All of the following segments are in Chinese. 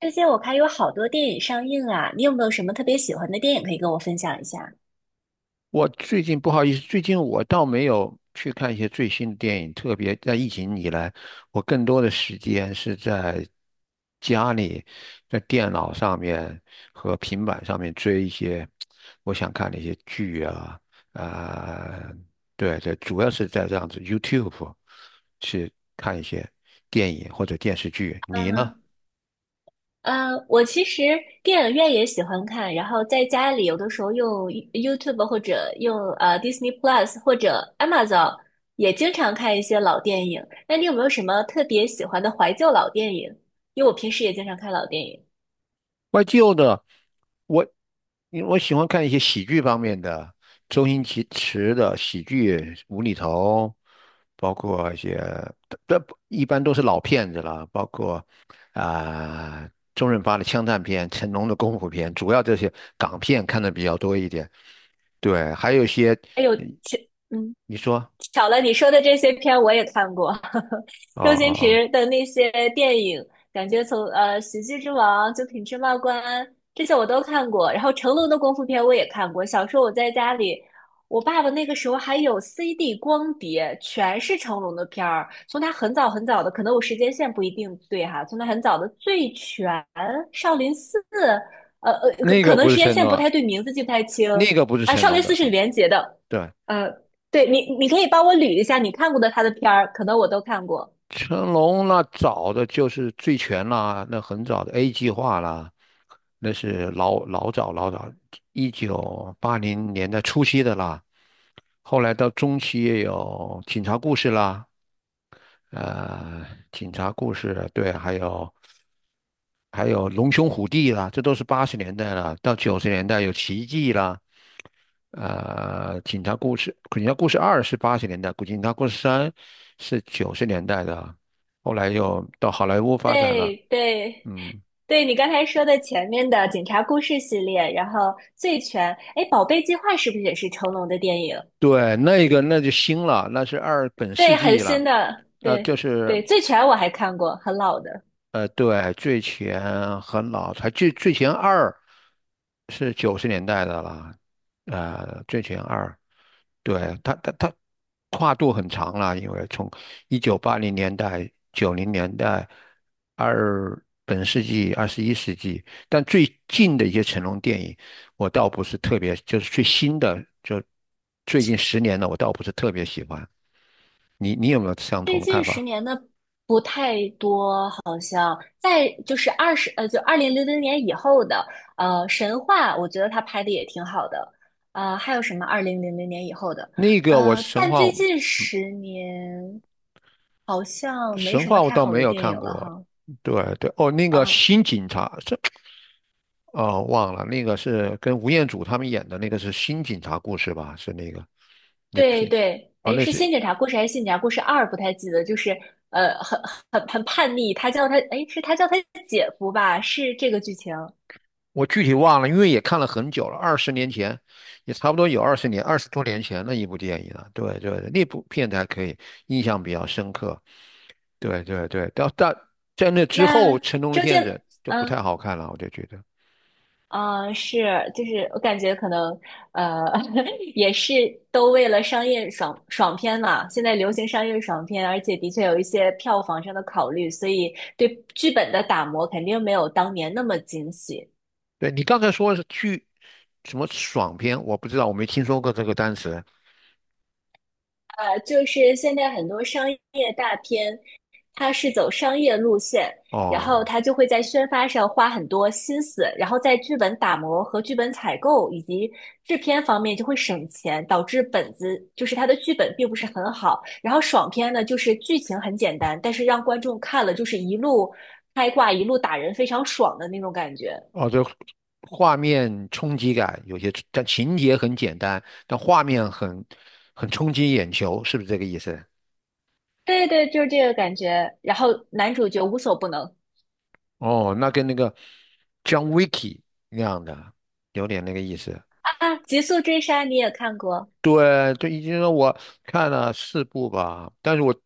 最近我看有好多电影上映啊，你有没有什么特别喜欢的电影可以跟我分享一下？我最近不好意思，最近我倒没有去看一些最新的电影，特别在疫情以来，我更多的时间是在家里，在电脑上面和平板上面追一些我想看的一些剧啊，啊、对对，主要是在这样子 YouTube 去看一些电影或者电视剧。你呢？嗯嗯，我其实电影院也喜欢看，然后在家里有的时候用 YouTube 或者用Disney Plus 或者 Amazon 也经常看一些老电影。那你有没有什么特别喜欢的怀旧老电影？因为我平时也经常看老电影。怀旧的，我因为我喜欢看一些喜剧方面的，周星驰的喜剧无厘头，包括一些，这一般都是老片子了，包括啊、周润发的枪战片、成龙的功夫片，主要这些港片看的比较多一点。对，还有一些，哎呦，嗯。嗯，你说，巧了，你说的这些片我也看过，哦周哦星哦，驰的那些电影，感觉从喜剧之王》《九品芝麻官》这些我都看过，然后成龙的功夫片我也看过。小时候我在家里，我爸爸那个时候还有 CD 光碟，全是成龙的片儿，从他很早很早的，可能我时间线不一定对哈，从他很早的《醉拳》《少林寺》，可那可个能不是时间成线不龙，太对，名字记不太清。那个不是啊，成《少龙林寺》的，是李嗯，连杰的。对，嗯。对你，你可以帮我捋一下你看过的他的片儿，可能我都看过。成龙那早的就是《醉拳》啦，那很早的 A 计划啦，那是老老早老早，一九八零年代初期的啦。后来到中期也有《警察故事》啦，呃，《警察故事》对，还有《龙兄虎弟》啦，这都是八十年代了。到九十年代有《奇迹》啦，《警察故事》《警察故事二》是八十年代，《警察故事三》是九十年代的。后来又到好莱坞发展了。对对嗯，对，你刚才说的前面的《警察故事》系列，然后《醉拳》，哎，《宝贝计划》是不是也是成龙的电影？对，那个那就新了，那是二本世对，很纪了，新的，呃，就对是对，《醉拳》我还看过，很老的。对，最前很老，才最前二是九十年代的了，最前二，对，它跨度很长了，因为从一九八零年代、九零年代、二本世纪、21世纪，但最近的一些成龙电影，我倒不是特别，就是最新的，就最近十年的，我倒不是特别喜欢。你有没有相同最的近看十法？年的不太多，好像在就是二十就二零零零年以后的神话，我觉得他拍的也挺好的。呃，还有什么二零零零年以后的？那个我呃，神但话最近十年好像没神什话么我太倒好没的有电影看了过，哈。对对，哦，那个啊，新警察，哦，忘了那个是跟吴彦祖他们演的那个是新警察故事吧？是那个那对片对，哦，哎，是《新警察故事》还是《新警察故事二》？不太记得，就是呃，很叛逆，他叫他哎，是他叫他姐夫吧？是这个剧情。我具体忘了，因为也看了很久了，20年前，也差不多有二十年，20多年前的一部电影了。对对，那部片子还可以，印象比较深刻。对对对，但在那之那后，成龙的周杰，片子就不太嗯。好看了，我就觉得。嗯，是，就是我感觉可能，呃，也是都为了商业爽片嘛。现在流行商业爽片，而且的确有一些票房上的考虑，所以对剧本的打磨肯定没有当年那么精细。对你刚才说什么爽片，我不知道，我没听说过这个单词。呃，就是现在很多商业大片，它是走商业路线，然后哦它就会在宣发上花很多心思，然后在剧本打磨和剧本采购以及制片方面就会省钱，导致本子就是它的剧本并不是很好。然后爽片呢，就是剧情很简单，但是让观众看了就是一路开挂，一路打人，非常爽的那种感觉。哦，对，画面冲击感有些，但情节很简单，但画面很冲击眼球，是不是这个意思？对对，就是这个感觉。然后男主角无所不能哦，那跟那个 John Wick 那样的有点那个意思。啊，《极速追杀》你也看过？对，对，已经说我看了四部吧，但是我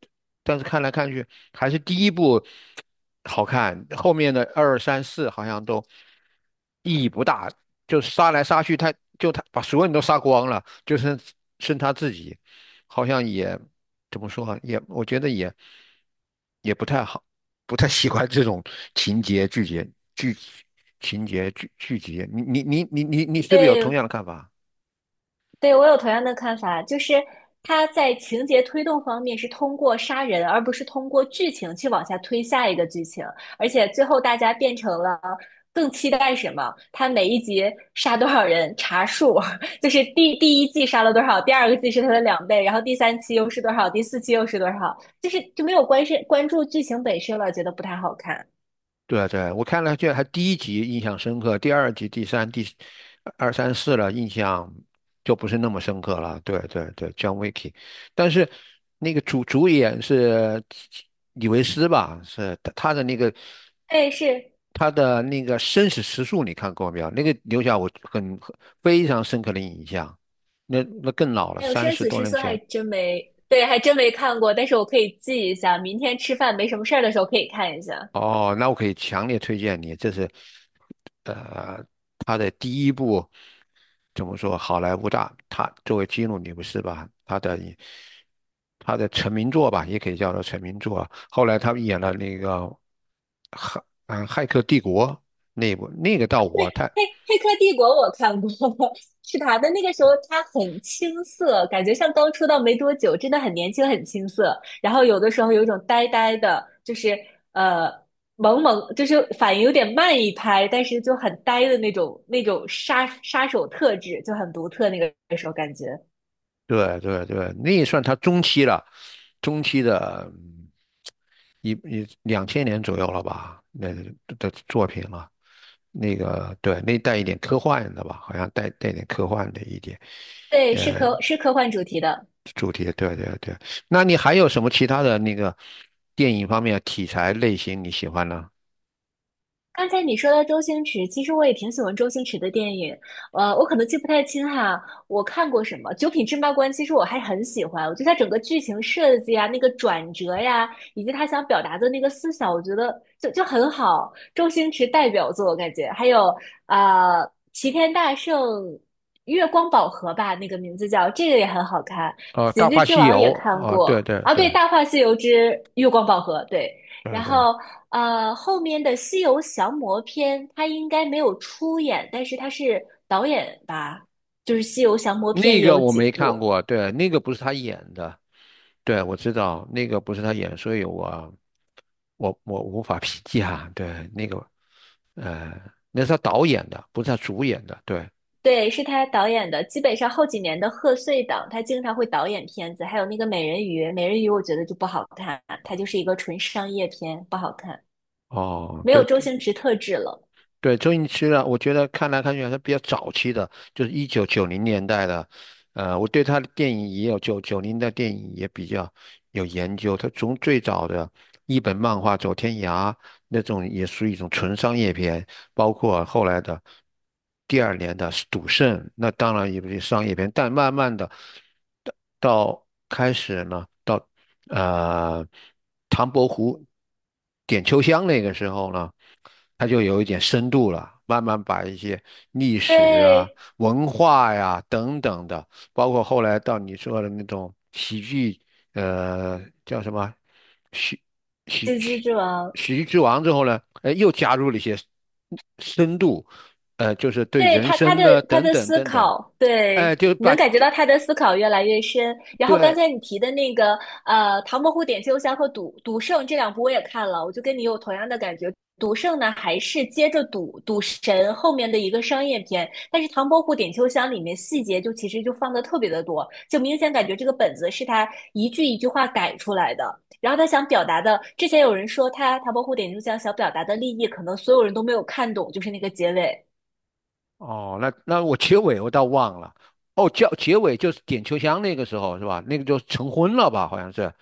看来看去还是第一部好看，后面的二三四好像都意义不大，就杀来杀去，他把所有人都杀光了，就剩他自己，好像也怎么说啊，也我觉得也不太好，不太喜欢这种情节剧节剧情节剧剧集，你是不是有同对，样的看法？对，我有同样的看法，就是他在情节推动方面是通过杀人，而不是通过剧情去往下推下一个剧情，而且最后大家变成了更期待什么？他每一集杀多少人查数，就是第一季杀了多少，第二个季是他的两倍，然后第三期又是多少，第四期又是多少，就是就没有关是关注剧情本身了，觉得不太好看。对啊对啊，我看了，这还第一集印象深刻，第二集、第三、第二三四了，印象就不是那么深刻了。对对对，John Wick，但是那个主演是李维斯吧？是哎，是他的那个《生死时速》，你看过没有？那个留下我很非常深刻的印象。那更老了，哎呦，三生十死多之年色还前。真没，对，还真没看过，但是我可以记一下，明天吃饭没什么事儿的时候可以看一下。哦，那我可以强烈推荐你，这是，呃，他的第一部怎么说？好莱坞大，他作为基努·里维斯吧，他的成名作吧，也可以叫做成名作。后来他们演了那个《骇骇客帝国》那一部，那个到我太黑黑客帝国我看过，是他的那个时候他很青涩，感觉像刚出道没多久，真的很年轻很青涩。然后有的时候有一种呆呆的，就是呃萌萌，就是反应有点慢一拍，但是就很呆的那种杀手特质就很独特，那个时候感觉。对对对，那也算他中期了，中期的嗯一一两千年左右了吧，那的作品了。那个对，那带一点科幻的吧，好像带点科幻的一点对，是科幻主题的。主题。对对对，那你还有什么其他的那个电影方面题材类型你喜欢呢？刚才你说到周星驰，其实我也挺喜欢周星驰的电影，呃，我可能记不太清哈，我看过什么《九品芝麻官》，其实我还很喜欢，我觉得他整个剧情设计啊，那个转折呀，以及他想表达的那个思想，我觉得就很好，周星驰代表作，我感觉。还有啊，齐天大圣》《月光宝盒》吧，那个名字叫，这个也很好看，哦，《喜《大剧话之西王》游》也看哦，对过对啊，对，对《大话西游之月光宝盒》对。对然对，后呃，后面的《西游降魔篇》他应该没有出演，但是他是导演吧？就是《西游降魔篇》那也个有我几没看部，过，对，那个不是他演的，对，我知道那个不是他演，所以我无法评价，对，那个呃，那是他导演的，不是他主演的，对。对，是他导演的。基本上后几年的贺岁档，他经常会导演片子，还有那个美人鱼《美人鱼》，我觉得就不好看，它就是一个纯商业片，不好看，哦，没有对周对，星驰特质了。对，周星驰的，我觉得看来看去还是比较早期的，就是1990年代的。我对他的电影也有九九零的电影也比较有研究。他从最早的一本漫画《走天涯》那种也属于一种纯商业片，包括后来的第二年的《赌圣》，那当然也不是商业片，但慢慢的到到开始呢，到呃唐伯虎点秋香那个时候呢。它就有一点深度了，慢慢把一些历史啊、对，文化呀、等等的，包括后来到你说的那种喜剧，叫什么喜喜《喜剧喜之王》喜剧之王之后呢，又加入了一些深度，就是对对，人他他生的呢他等的等思等等，考，哎，对，就把能感觉就到他的思考越来越深。然后刚对。才你提的那个唐伯虎点秋香》和《赌圣》这两部我也看了，我就跟你有同样的感觉。赌圣呢，还是接着赌神后面的一个商业片，但是《唐伯虎点秋香》里面细节就其实就放的特别的多，就明显感觉这个本子是他一句一句话改出来的。然后他想表达的，之前有人说他《唐伯虎点秋香》想表达的立意，可能所有人都没有看懂，就是那个结尾。哦，那我结尾我倒忘了。哦，叫结尾就是点秋香那个时候是吧？那个就成婚了吧？好像是，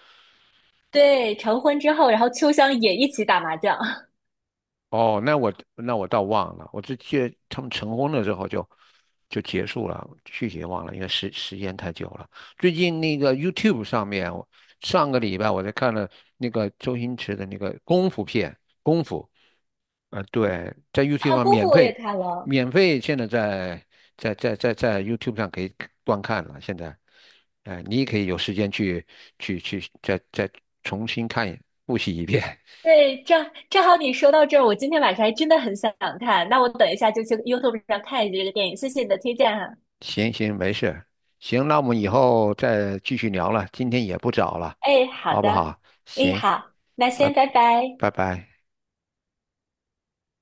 对，成婚之后，然后秋香也一起打麻将 哦，那我倒忘了，我只记得他们成婚了之后就结束了，具体忘了，因为时间太久了。最近那个 YouTube 上面，我上个礼拜我在看了那个周星驰的那个功夫片，功夫，对，在 YouTube 啊，上功夫免我也费，看了。免费现在在 YouTube 上可以观看了。现在，你也可以有时间去再重新复习一遍。对，正正好你说到这儿，我今天晚上还真的很想看，那我等一下就去 YouTube 上看一下这个电影，谢谢你的推荐哈。行行，没事，行，那我们以后再继续聊了，今天也不早了，哎，好好不的，好？哎，行，好，那拜先拜拜。拜